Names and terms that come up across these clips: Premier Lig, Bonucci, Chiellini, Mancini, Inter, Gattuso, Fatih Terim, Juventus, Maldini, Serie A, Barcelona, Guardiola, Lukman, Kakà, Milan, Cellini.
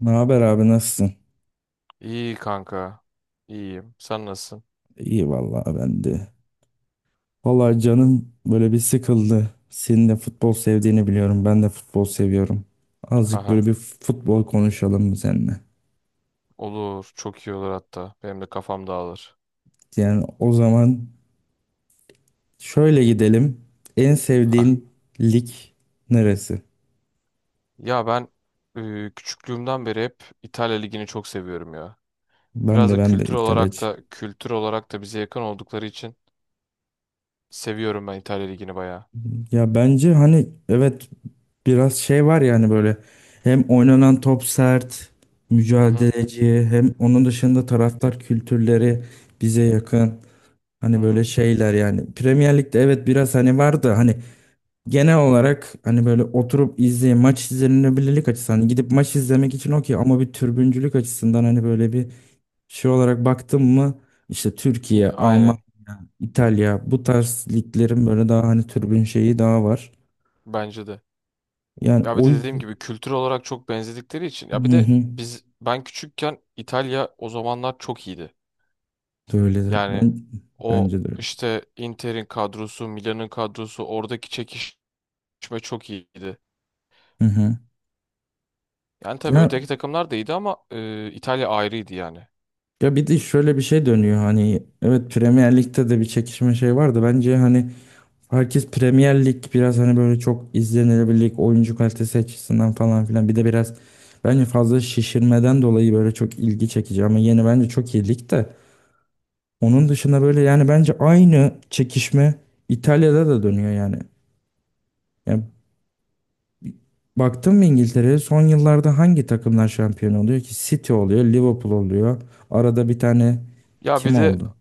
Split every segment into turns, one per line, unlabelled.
Ne haber abi, nasılsın?
İyi kanka. İyiyim. Sen nasılsın?
İyi vallahi ben de. Vallahi canım böyle bir sıkıldı. Senin de futbol sevdiğini biliyorum. Ben de futbol seviyorum. Azıcık böyle
Haha.
bir futbol konuşalım mı seninle?
Olur. Çok iyi olur hatta. Benim de kafam dağılır.
Yani o zaman şöyle gidelim. En
Ha.
sevdiğin lig neresi?
Ya ben küçüklüğümden beri hep İtalya Ligi'ni çok seviyorum ya.
Ben
Biraz
de
da
ben de
kültür olarak
İtalyacı.
da kültür olarak da bize yakın oldukları için seviyorum ben İtalya Ligi'ni bayağı.
Ya bence hani evet biraz şey var yani böyle hem oynanan top sert,
Hı hı.
mücadeleci, hem onun dışında taraftar kültürleri bize yakın.
Hı
Hani böyle
hı.
şeyler yani Premier Lig'de evet biraz hani vardı hani genel olarak hani böyle oturup izleye maç izlenebilirlik açısından hani gidip maç izlemek için okey ama bir türbüncülük açısından hani böyle bir şey olarak baktım mı işte Türkiye, Almanya,
Aynen.
İtalya bu tarz liglerin böyle daha hani türbün şeyi daha var.
Bence de.
Yani
Ya bir
o
de dediğim
yüzden,
gibi kültür olarak çok benzedikleri için. Ya bir
hı
de
hı,
ben küçükken İtalya o zamanlar çok iyiydi.
de öyle de
Yani
ben
o
bence de öyle.
işte Inter'in kadrosu, Milan'ın kadrosu oradaki çekişme çok iyiydi.
Hı hı.
Yani tabii
Ya,
öteki takımlar da iyiydi ama İtalya ayrıydı yani.
ya bir de şöyle bir şey dönüyor hani evet Premier Lig'de de bir çekişme şey vardı bence hani herkes Premier Lig biraz hani böyle çok izlenilebilirlik, oyuncu kalitesi açısından falan filan. Bir de biraz bence fazla şişirmeden dolayı böyle çok ilgi çekici ama yeni bence çok iyi lig de. Onun dışında böyle yani bence aynı çekişme İtalya'da da dönüyor yani. Yani baktın mı İngiltere'ye, son yıllarda hangi takımlar şampiyon oluyor ki? City oluyor, Liverpool oluyor. Arada bir tane
Ya
kim
bir de
oldu?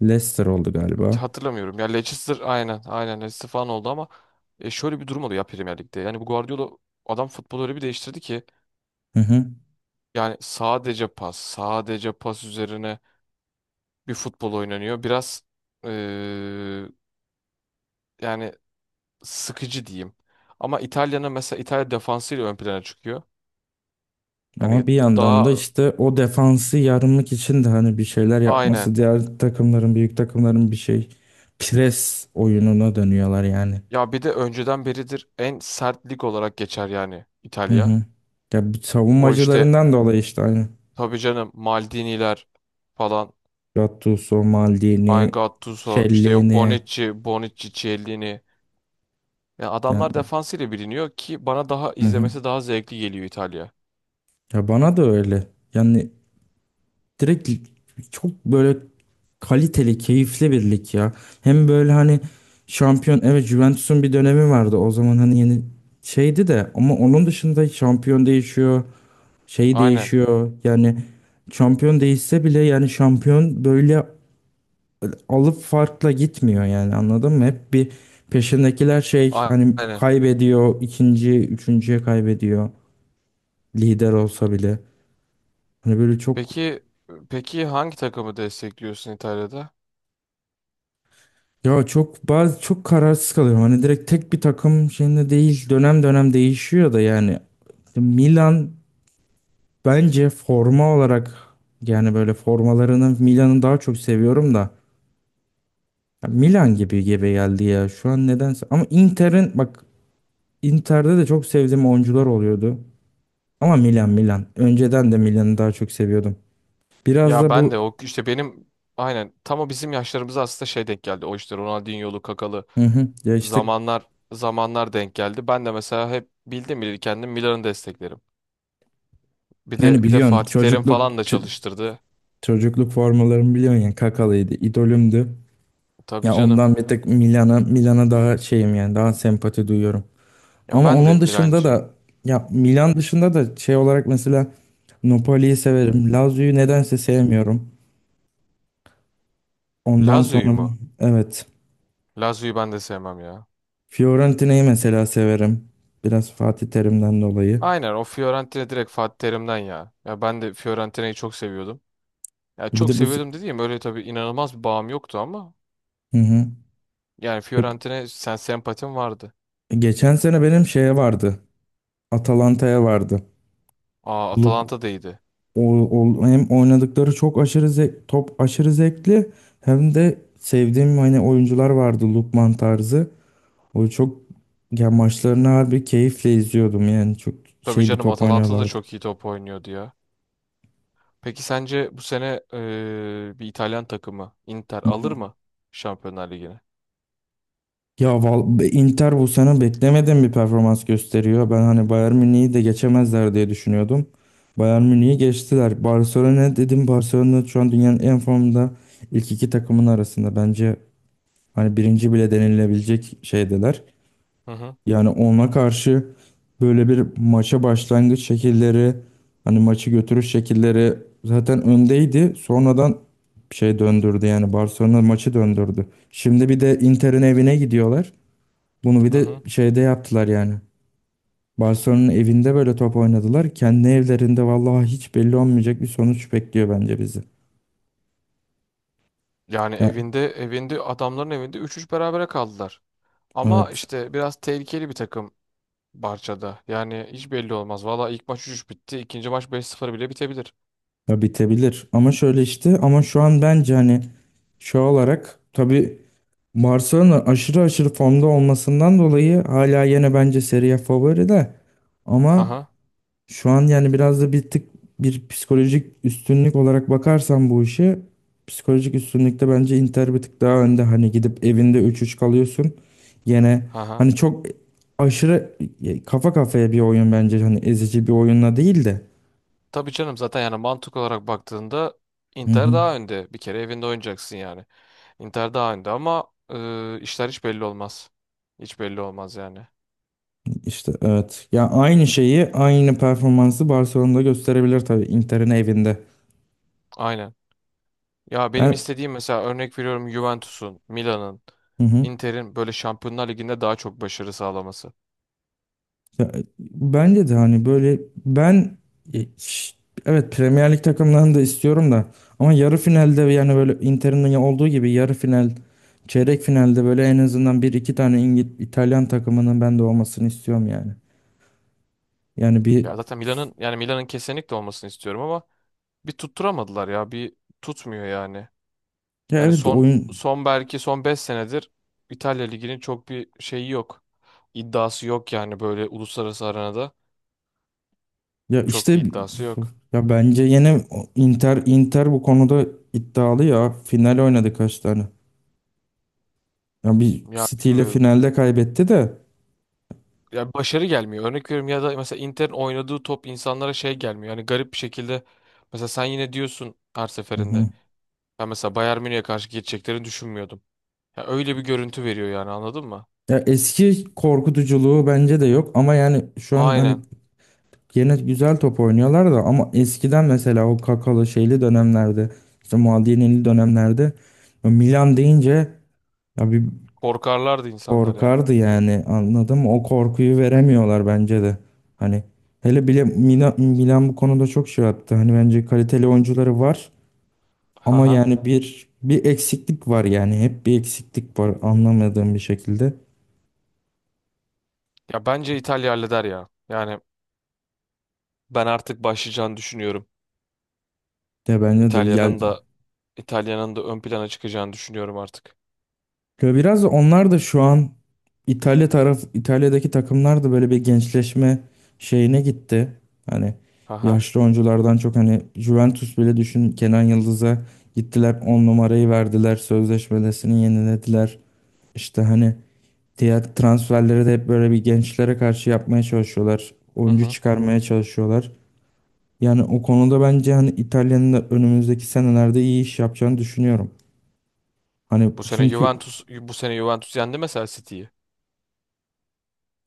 Leicester oldu galiba.
hatırlamıyorum. Ya Leicester aynen, aynen Leicester falan oldu ama şöyle bir durum oldu ya Premier Lig'de. Yani bu Guardiola adam futbolu öyle bir değiştirdi ki
Hı hı.
yani sadece pas, sadece pas üzerine bir futbol oynanıyor. Biraz e, yani sıkıcı diyeyim. Ama İtalya'nın, mesela İtalya defansıyla ön plana çıkıyor.
Ama
Yani
bir yandan da
daha
işte o defansı yarmak için de hani bir şeyler yapması
aynen.
diğer takımların, büyük takımların bir şey pres oyununa dönüyorlar yani.
Ya bir de önceden beridir en sert lig olarak geçer yani
Hı
İtalya.
hı. Ya bu
O işte
savunmacılarından dolayı işte aynı.
tabii canım Maldini'ler falan.
Gattuso, Maldini,
Ay, Gattuso işte, yok
Cellini
Bonucci, Bonucci, Chiellini. Ya adamlar
yani.
defansıyla biliniyor ki bana daha
Hı hı.
izlemesi daha zevkli geliyor İtalya.
Ya bana da öyle. Yani direkt çok böyle kaliteli, keyifli bir lig ya. Hem böyle hani şampiyon evet Juventus'un bir dönemi vardı o zaman hani yeni şeydi de ama onun dışında şampiyon değişiyor, şey
Aynen.
değişiyor. Yani şampiyon değişse bile yani şampiyon böyle alıp farkla gitmiyor yani anladın mı? Hep bir peşindekiler şey
a-
hani
Aynen.
kaybediyor, ikinci, üçüncüye kaybediyor lider olsa bile. Hani böyle çok.
Peki peki hangi takımı destekliyorsun İtalya'da?
Ya çok, bazı çok kararsız kalıyorum. Hani direkt tek bir takım şeyinde değil. Dönem dönem değişiyor da yani Milan bence forma olarak, yani böyle formalarını, Milan'ı daha çok seviyorum da ya Milan gibi gibi geldi ya şu an nedense. Ama Inter'in bak Inter'de de çok sevdiğim oyuncular oluyordu. Ama Milan Milan. Önceden de Milan'ı daha çok seviyordum. Biraz
Ya
da
ben de
bu,
o işte benim aynen tam o bizim yaşlarımıza aslında şey denk geldi. O işte Ronaldinho'lu, Kakalı
hı hı, ya işte
zamanlar denk geldi. Ben de mesela hep bildim bileli kendim Milan'ı desteklerim. Bir
yani
de bir de
biliyorsun
Fatih Terim
çocukluk
falan da çalıştırdı.
çocukluk formalarımı biliyorsun ya, Kakalıydı, idolümdü.
Tabii
Ya
canım.
ondan bir tek Milan'a daha şeyim yani daha sempati duyuyorum.
Ya
Ama
ben de
onun dışında
Milancıyım.
da ya Milan dışında da şey olarak mesela Napoli'yi severim. Lazio'yu nedense sevmiyorum. Ondan
Lazio'yu
sonra
mu?
evet
Lazio'yu ben de sevmem ya.
Fiorentina'yı mesela severim. Biraz Fatih Terim'den dolayı.
Aynen, o Fiorentina direkt Fatih Terim'den ya. Ya ben de Fiorentina'yı çok seviyordum. Ya
Bir
çok
de bu
seviyordum dediğim, öyle tabii inanılmaz bir bağım yoktu ama
hı hı.
yani
Hep-
Fiorentina sen sempatim vardı.
Geçen sene benim şeye vardı. Atalanta'ya vardı.
Aa,
Luk
Atalanta da iyiydi.
O, hem oynadıkları çok aşırı zevk, top aşırı zevkli hem de sevdiğim hani oyuncular vardı, Lukman tarzı. O çok, ya maçlarını harbi keyifle izliyordum yani çok
Tabii
şey bir
canım,
top
Atalanta da
oynuyorlardı.
çok iyi top oynuyordu ya. Peki sence bu sene bir İtalyan takımı, Inter
Hı
alır
hı.
mı Şampiyonlar Ligi'ne?
Ya Inter bu sene beklemediğim bir performans gösteriyor. Ben hani Bayern Münih'i de geçemezler diye düşünüyordum. Bayern Münih'i geçtiler. Barcelona dedim, Barcelona şu an dünyanın en formda ilk iki takımın arasında. Bence hani birinci bile denilebilecek şeydeler.
Hı hı.
Yani ona karşı böyle bir maça başlangıç şekilleri, hani maçı götürüş şekilleri zaten öndeydi. Sonradan şey döndürdü yani Barcelona maçı döndürdü. Şimdi bir de Inter'in evine gidiyorlar. Bunu bir
Hı
de
hı.
şeyde yaptılar yani. Barcelona'nın evinde böyle top oynadılar. Kendi evlerinde vallahi hiç belli olmayacak bir sonuç bekliyor bence bizi.
Yani
Ya,
evinde, evinde adamların evinde 3-3 berabere kaldılar. Ama
evet.
işte biraz tehlikeli bir takım Barça'da. Yani hiç belli olmaz. Valla ilk maç 3 bitti. İkinci maç 5-0 bile bitebilir.
Ya bitebilir. Ama şöyle işte, ama şu an bence hani şu olarak tabii Barcelona aşırı aşırı formda olmasından dolayı hala yine bence Serie A favori de, ama
Haha.
şu an yani biraz da bir tık bir psikolojik üstünlük olarak bakarsan bu işe, psikolojik üstünlükte bence Inter bir tık daha önde. Hani gidip evinde üç üç kalıyorsun yine,
Haha.
hani çok aşırı kafa kafaya bir oyun bence, hani ezici bir oyunla değil de.
Tabii canım, zaten yani mantık olarak baktığında
Hı
Inter
hı.
daha önde. Bir kere evinde oynayacaksın yani. Inter daha önde ama işler hiç belli olmaz. Hiç belli olmaz yani.
İşte evet. Ya aynı şeyi, aynı performansı Barcelona'da gösterebilir tabii Inter'in evinde.
Aynen. Ya benim
Ben,
istediğim, mesela örnek veriyorum, Juventus'un, Milan'ın,
hı hı.
Inter'in böyle Şampiyonlar Ligi'nde daha çok başarı sağlaması.
Ya, bence de hani böyle ben, e, ş- evet Premier Lig takımlarını da istiyorum da, ama yarı finalde yani böyle Inter'in olduğu gibi yarı final, çeyrek finalde böyle en azından bir iki tane İngiliz, İtalyan takımının ben de olmasını istiyorum yani. Yani bir,
Ya zaten Milan'ın, yani Milan'ın kesinlikle olmasını istiyorum ama bir tutturamadılar ya. Bir tutmuyor yani.
ya
Yani
evet
son,
oyun,
belki son 5 senedir İtalya Ligi'nin çok bir şeyi yok. İddiası yok yani, böyle uluslararası arenada.
ya
Çok bir
işte
iddiası yok.
ya bence yine Inter bu konuda iddialı, ya final oynadı kaç tane. Ya bir
Ya
City ile
bilmiyorum.
finalde kaybetti de.
Ya başarı gelmiyor. Örnek veriyorum, ya da mesela Inter'in oynadığı top insanlara şey gelmiyor. Yani garip bir şekilde mesela sen yine diyorsun her
Hı
seferinde.
hı.
Ben mesela Bayern Münih'e karşı geçeceklerini düşünmüyordum. Ya öyle bir görüntü veriyor yani, anladın mı?
Ya eski korkutuculuğu bence de yok ama yani şu an hani
Aynen.
yine güzel top oynuyorlar da, ama eskiden mesela o Kakalı şeyli dönemlerde, işte Maldini'li dönemlerde, ya Milan deyince ya bir
Korkarlardı insanlar yani.
korkardı yani anladın mı? O korkuyu veremiyorlar bence de. Hani hele bile Milan, Milan bu konuda çok şey attı. Hani bence kaliteli oyuncuları var ama
Haha.
yani bir eksiklik var yani hep bir eksiklik var anlamadığım bir şekilde.
Ya bence İtalya halleder ya. Yani ben artık başlayacağını düşünüyorum.
De bence de ya.
İtalya'nın da İtalya'nın da ön plana çıkacağını düşünüyorum artık.
Ya biraz da onlar da şu an İtalya taraf İtalya'daki takımlar da böyle bir gençleşme şeyine gitti. Hani
Aha.
yaşlı oyunculardan çok, hani Juventus bile düşün Kenan Yıldız'a gittiler, 10 numarayı verdiler, sözleşmesini yenilediler. İşte hani diğer transferleri de hep böyle bir gençlere karşı yapmaya çalışıyorlar.
Hı
Oyuncu
hı.
çıkarmaya çalışıyorlar. Yani o konuda bence hani İtalya'nın da önümüzdeki senelerde iyi iş yapacağını düşünüyorum. Hani çünkü
Bu sene Juventus yendi mesela City'yi.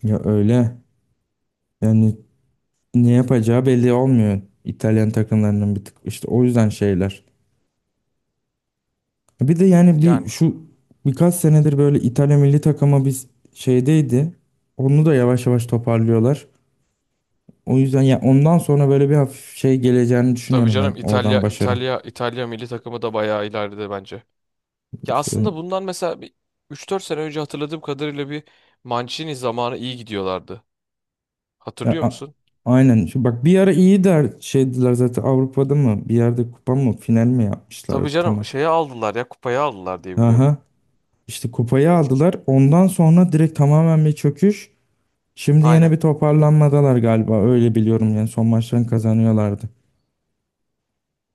ya öyle yani ne yapacağı belli olmuyor İtalyan takımlarının bir tık işte o yüzden şeyler. Bir de yani bir
Yani
şu birkaç senedir böyle İtalya milli takımı biz şeydeydi. Onu da yavaş yavaş toparlıyorlar. O yüzden ya ondan sonra böyle bir hafif şey geleceğini
tabii
düşünüyorum
canım,
ben, oradan başarı.
İtalya milli takımı da bayağı ileride bence. Ya
İşte
aslında
ben-
bundan mesela bir 3-4 sene önce, hatırladığım kadarıyla bir Mancini zamanı iyi gidiyorlardı.
ya,
Hatırlıyor musun?
aynen. Şu bak bir ara iyi der şeydiler zaten, Avrupa'da mı bir yerde kupa mı, final mi
Tabii
yapmışlardı,
canım,
tamam.
şeye aldılar ya, kupayı aldılar diye biliyorum.
Aha. İşte kupayı aldılar. Ondan sonra direkt tamamen bir çöküş. Şimdi yine
Aynen.
bir toparlanmadalar galiba. Öyle biliyorum yani son maçlarını kazanıyorlardı.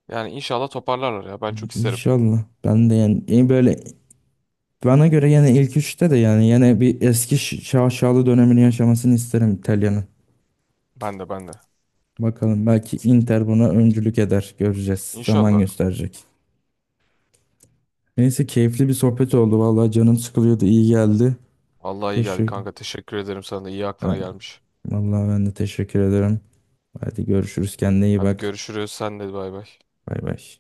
Yani inşallah toparlarlar ya, ben çok isterim.
İnşallah. Ben de yani, böyle bana göre yine ilk üçte de, yani yine bir eski şaşalı dönemini yaşamasını isterim İtalya'nın.
Ben de, ben de.
Bakalım, belki Inter buna öncülük eder. Göreceğiz. Zaman
İnşallah.
gösterecek. Neyse, keyifli bir sohbet oldu. Vallahi canım sıkılıyordu, İyi geldi.
Allah, iyi geldi
Teşekkür.
kanka, teşekkür ederim sana da, iyi
Ha,
aklına gelmiş.
Vallahi ben de teşekkür ederim. Hadi görüşürüz. Kendine iyi
Hadi
bak.
görüşürüz. Sen de bay bay.
Bay bay.